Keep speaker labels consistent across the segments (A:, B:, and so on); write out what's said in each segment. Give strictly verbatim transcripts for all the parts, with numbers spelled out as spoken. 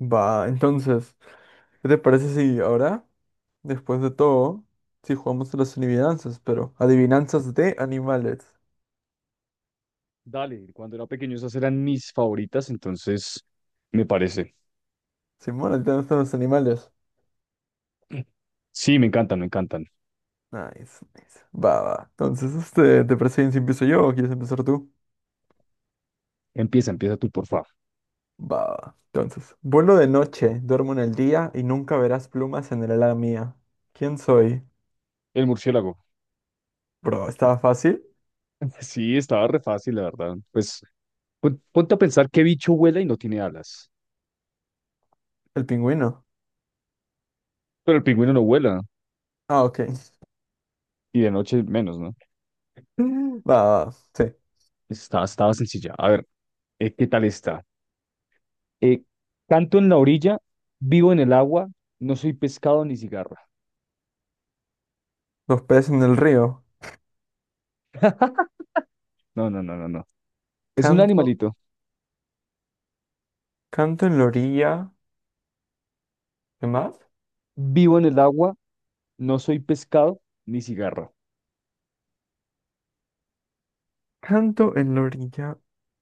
A: Va, entonces, ¿qué te parece si ahora, después de todo, si jugamos a las adivinanzas, pero adivinanzas de animales?
B: Dale, cuando era pequeño esas eran mis favoritas, entonces me parece.
A: Simón, ¿a ti te gustan los animales?
B: Sí, me encantan, me encantan.
A: Nice, nice. Va, va. Entonces, este, ¿te parece bien si empiezo yo o quieres empezar tú?
B: Empieza, empieza tú, por favor.
A: Va, va. Entonces, vuelo de noche, duermo en el día y nunca verás plumas en el ala mía. ¿Quién soy?
B: El murciélago.
A: Bro, ¿estaba fácil?
B: Sí, estaba re fácil, la verdad. Pues pon- ponte a pensar qué bicho vuela y no tiene alas.
A: El pingüino.
B: Pero el pingüino no vuela
A: Ah, ok.
B: y de noche menos, ¿no?
A: Va, va, sí.
B: Pues Estaba, estaba sencilla. A ver, eh, ¿qué tal está? Eh, Canto en la orilla, vivo en el agua, no soy pescado ni cigarra.
A: Los peces en el río.
B: No, no, no, no, no. Es un
A: Canto,
B: animalito.
A: canto en la orilla. ¿Qué más?
B: Vivo en el agua, no soy pescado ni cigarra.
A: Canto en la orilla,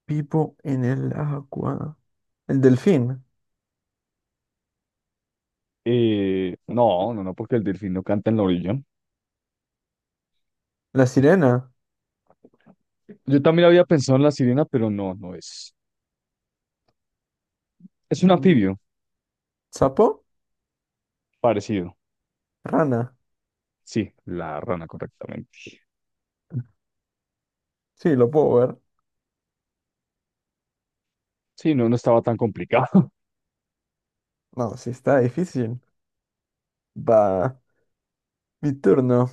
A: vivo en el agua. El delfín,
B: Eh, no, no, no, porque el delfín no canta en la orilla.
A: la sirena,
B: Yo también había pensado en la sirena, pero no, no es. Es un
A: mm,
B: anfibio
A: sapo,
B: parecido.
A: rana.
B: Sí, la rana, correctamente.
A: Sí, lo puedo ver.
B: Sí, no, no estaba tan complicado.
A: No, sí está difícil. Va, mi turno.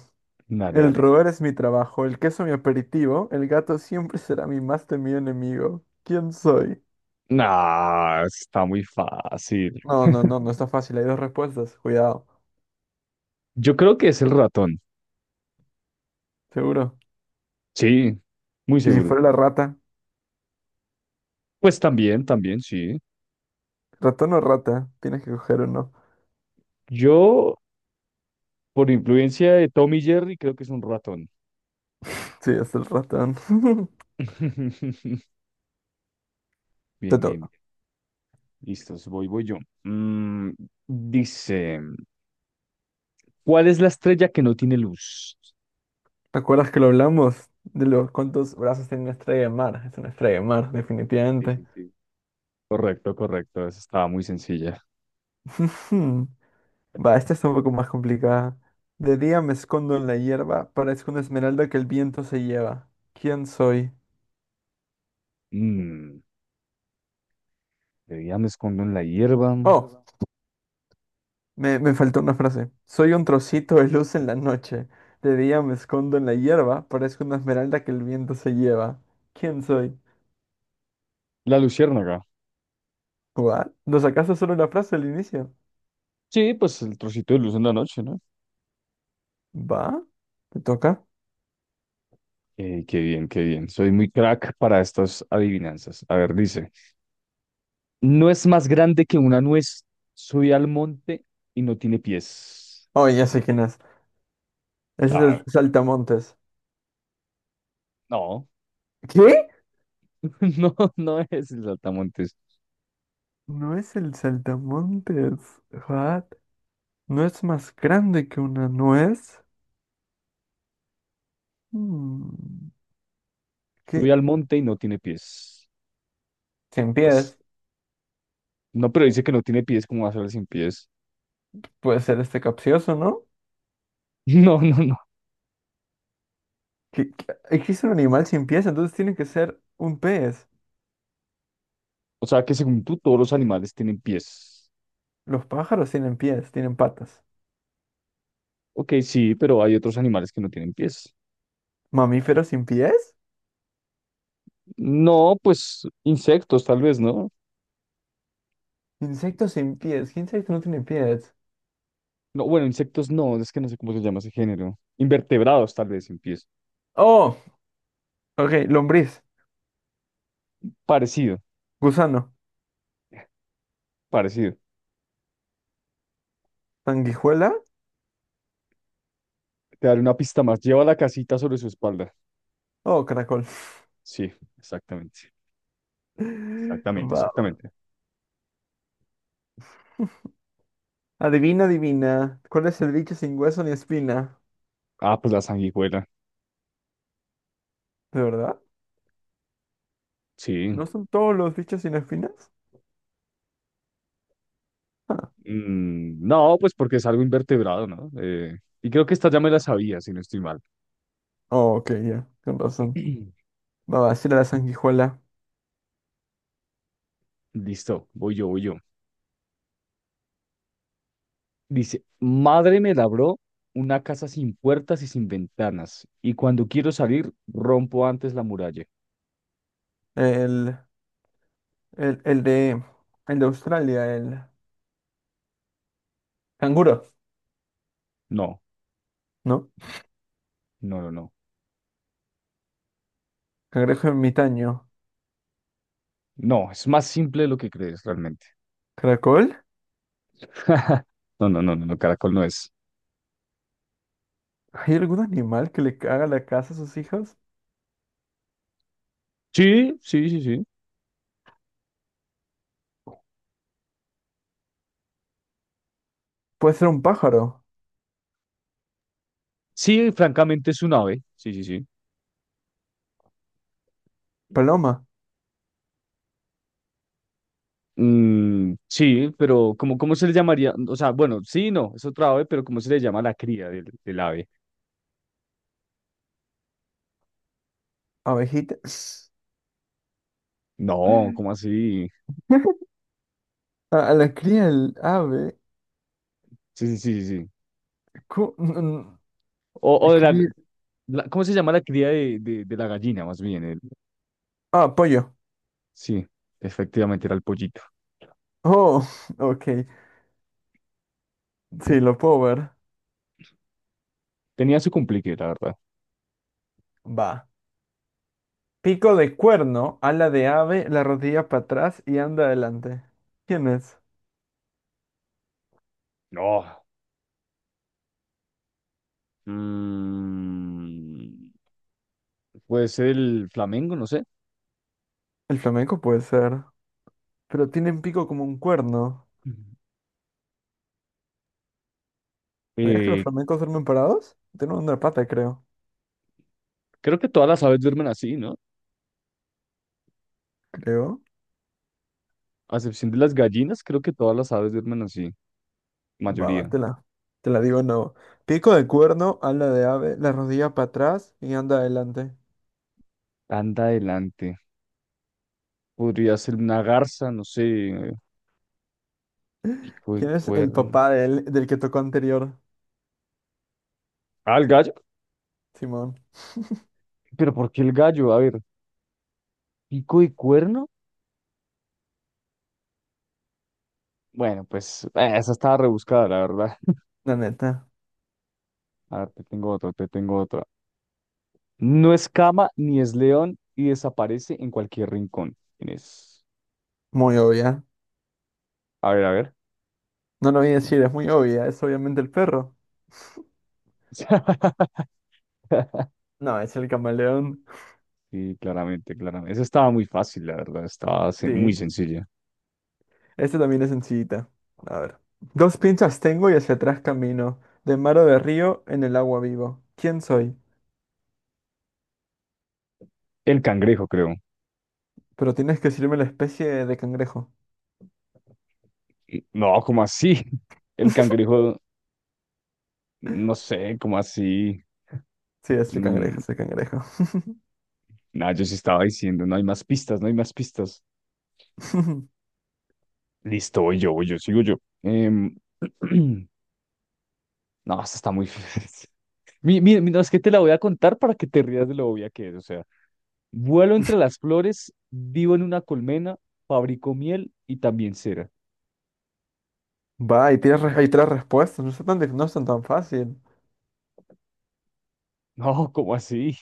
B: Dale,
A: El
B: dale.
A: roer es mi trabajo, el queso mi aperitivo, el gato siempre será mi más temido enemigo. ¿Quién soy?
B: Nah, está muy fácil.
A: No, no, no, no está fácil. Hay dos respuestas. Cuidado.
B: Yo creo que es el ratón.
A: Seguro.
B: Sí, muy
A: ¿Y si
B: seguro.
A: fuera la rata?
B: Pues también, también, sí.
A: ¿Ratón o rata? Tienes que coger uno.
B: Yo, por influencia de Tommy Jerry, creo que es un ratón.
A: Sí, es el ratón. Te
B: Bien, bien, bien.
A: toca.
B: Listos, voy, voy yo. Mm, dice. ¿Cuál es la estrella que no tiene luz?
A: ¿Te acuerdas que lo hablamos? De los cuántos brazos tiene una estrella de mar. Es una estrella de mar,
B: Sí,
A: definitivamente.
B: sí, sí. Correcto, correcto. Esa estaba muy sencilla.
A: Ujú. Va, esta es un poco más complicada. De día me escondo en la hierba, parezco una esmeralda que el viento se lleva. ¿Quién soy?
B: Mm, de día me escondo en la hierba.
A: Oh, me, me faltó una frase. Soy un trocito de luz en la noche. De día me escondo en la hierba, parezco una esmeralda que el viento se lleva. ¿Quién soy?
B: La luciérnaga.
A: ¿What? ¿Lo sacaste solo la frase al inicio?
B: Sí, pues el trocito de luz en la noche, ¿no?
A: ¿Va? ¿Te toca?
B: Eh, qué bien, qué bien. Soy muy crack para estas adivinanzas. A ver, dice. No es más grande que una nuez. Soy al monte y no tiene pies.
A: Oh, ya sé quién es. Es
B: Ah,
A: el saltamontes.
B: no,
A: ¿Qué?
B: no, no es el saltamontes.
A: No es el saltamontes. What? ¿No es más grande que una nuez? Hmm.
B: Subí
A: ¿Qué?
B: al monte y no tiene pies.
A: Sin
B: Pues,
A: pies.
B: no, pero dice que no tiene pies, ¿cómo va a ser sin pies?
A: Puede ser este capcioso, ¿no?
B: No, no, no.
A: ¿Qué- qué- Existe un animal sin pies, entonces tiene que ser un pez.
B: O sea que según tú, todos los animales tienen pies.
A: Los pájaros tienen pies, tienen patas.
B: Ok, sí, pero hay otros animales que no tienen pies.
A: ¿Mamíferos sin pies?
B: No, pues insectos tal vez, ¿no?
A: Insectos sin pies. ¿Qué insecto no tiene pies?
B: No, bueno, insectos no, es que no sé cómo se llama ese género. Invertebrados tal vez sin pies.
A: Oh, ok, lombriz,
B: Parecido,
A: gusano,
B: parecido.
A: sanguijuela.
B: Te daré una pista más. Lleva la casita sobre su espalda.
A: Oh, caracol.
B: Sí, exactamente. sí. Exactamente,
A: Va.
B: exactamente.
A: Adivina, adivina. ¿Cuál es el bicho sin hueso ni espina?
B: Ah, pues la sanguijuela.
A: ¿De verdad?
B: Sí.
A: ¿No son todos los bichos sin espinas? Ah.
B: Mm, no, pues porque es algo invertebrado, ¿no? Eh, y creo que esta ya me la sabía, si no estoy mal.
A: Oh, ok, ya. Con razón. Va, va, sí era la sanguijuela.
B: Listo, voy yo, voy yo. Dice, madre me labró una casa sin puertas y sin ventanas, y cuando quiero salir, rompo antes la muralla.
A: El, el, el de, el de Australia, el canguro,
B: No,
A: ¿no?
B: no, no, no.
A: Cangrejo ermitaño.
B: No, es más simple de lo que crees realmente.
A: ¿Caracol?
B: No, no, no, no, no, caracol no es.
A: ¿Hay algún animal que le caga la casa a sus hijos?
B: Sí, sí, sí, sí.
A: Puede ser un pájaro,
B: Sí, francamente es un ave. Sí, sí, sí.
A: paloma,
B: Mm, sí, pero ¿cómo, cómo se le llamaría? O sea, bueno, sí, no, es otra ave, pero ¿cómo se le llama a la cría del, del ave?
A: abejita.
B: No, ¿cómo así?
A: A, a la cría el ave.
B: Sí, sí, sí, sí. sí.
A: cu- n- n-
B: O, o de la,
A: cría-
B: la- ¿cómo se llama la cría de, de- de la gallina, más bien? El-
A: Ah, pollo.
B: sí, efectivamente era el pollito.
A: Oh, ok. Sí, lo puedo ver.
B: Tenía su complique, la verdad.
A: Va. Pico de cuerno, ala de ave, la rodilla para atrás y anda adelante. ¿Quién es?
B: No. mm, pues el flamengo, no sé.
A: El flamenco puede ser. Pero tienen pico como un cuerno.
B: Ujú.
A: ¿Sabías que los
B: Eh,
A: flamencos duermen parados? Tienen una pata, creo.
B: Creo que todas las aves duermen así, ¿no?
A: Creo.
B: A excepción de las gallinas, creo que todas las aves duermen así.
A: Va, va,
B: Mayoría.
A: te la, te la digo no. Pico de cuerno, ala de ave, la rodilla para atrás y anda adelante.
B: Anda adelante. Podría ser una garza, no sé. eh, Pico de
A: ¿Quién es el
B: cuerno.
A: papá del, del que tocó anterior?
B: Ah, el gallo.
A: Simón.
B: ¿Pero por qué el gallo? A ver, pico y cuerno. Bueno, pues eh, esa estaba rebuscada, la verdad.
A: La neta.
B: A ver, te tengo otra, te tengo otra. No es cama ni es león y desaparece en cualquier rincón. Tienes.
A: Muy obvia.
B: A ver, a ver.
A: No lo voy a decir, es muy obvia. Es obviamente el perro. No, es el camaleón.
B: Sí, claramente, claramente. Esa estaba muy fácil, la verdad. Estaba se- muy
A: Sí.
B: sencilla.
A: Este también es sencillita. A ver. Dos pinzas tengo y hacia atrás camino. De mar o de río, en el agua vivo. ¿Quién soy?
B: El cangrejo, creo.
A: Pero tienes que decirme la especie de cangrejo.
B: Y- No, ¿cómo así? El cangrejo, no sé, ¿cómo así?
A: Sí, es el cangrejo,
B: Mm,
A: es el cangrejo.
B: Nada, yo sí estaba diciendo, no hay más pistas, no hay más pistas. Listo, voy yo, voy yo, sigo yo. Em, no, esta está muy fácil. Mi- mi- mi- no, es que te la voy a contar para que te rías de lo obvia que es. O sea, vuelo entre las flores, vivo en una colmena, fabrico miel y también cera.
A: Va, y tienes re- hay tres respuestas. No son tan, dif- no son tan fácil.
B: No, ¿cómo así?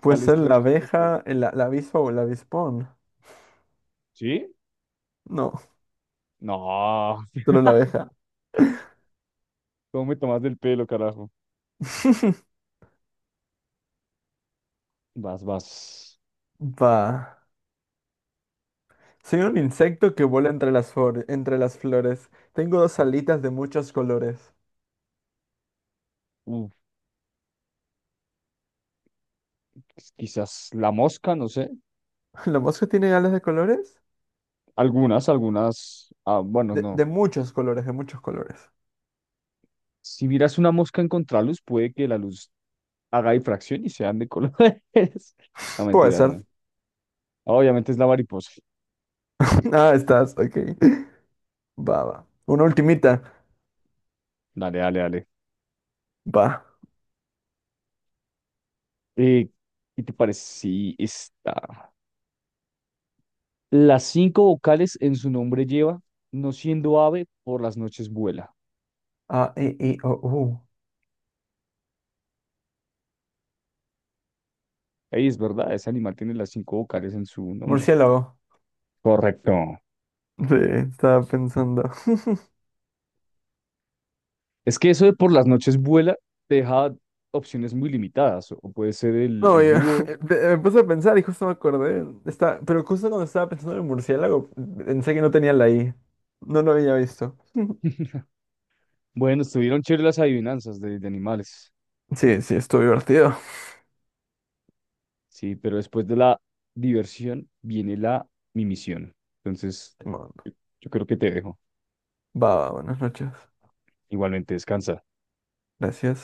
A: Puede
B: ¿Cuáles
A: ser
B: tres
A: la
B: respuestas?
A: abeja, el- la, la avispa o el avispón.
B: ¿Sí?
A: No,
B: No,
A: solo la abeja.
B: ¿cómo me tomas del pelo, carajo? Vas, vas.
A: Va. Soy un insecto que vuela entre las, flor- entre las flores. Tengo dos alitas de muchos colores.
B: Uf, quizás la mosca, no sé.
A: ¿La mosca tiene alas de colores?
B: Algunas, algunas. Ah, bueno,
A: De,
B: no.
A: de muchos colores, de muchos colores.
B: Si miras una mosca en contraluz, puede que la luz haga difracción y sean de colores. No,
A: Puede
B: mentiras,
A: ser.
B: no. Obviamente es la mariposa.
A: Ah, estás, ok. Va, va. Una ultimita.
B: Dale, dale, dale.
A: Va.
B: Eh, ¿Qué te parece si está? Las cinco vocales en su nombre lleva, no siendo ave, por las noches vuela.
A: A, E, I, O, U.
B: Ahí es verdad, ese animal tiene las cinco vocales en su nombre.
A: Murciélago.
B: Correcto.
A: Sí, estaba pensando.
B: Es que eso de por las noches vuela te deja opciones muy limitadas. O puede ser el, el
A: No, yo,
B: búho.
A: me me puse a pensar y justo me acordé. Está, pero justo cuando estaba pensando en el murciélago, pensé que no tenía la I. No lo había visto.
B: Bueno, estuvieron chéveres las adivinanzas de, de animales.
A: Sí, sí, estuvo divertido.
B: Sí, pero después de la diversión viene la mimisión. Entonces,
A: Bueno,
B: yo yo creo que te dejo.
A: va, va, buenas noches.
B: Igualmente, descansa.
A: Gracias.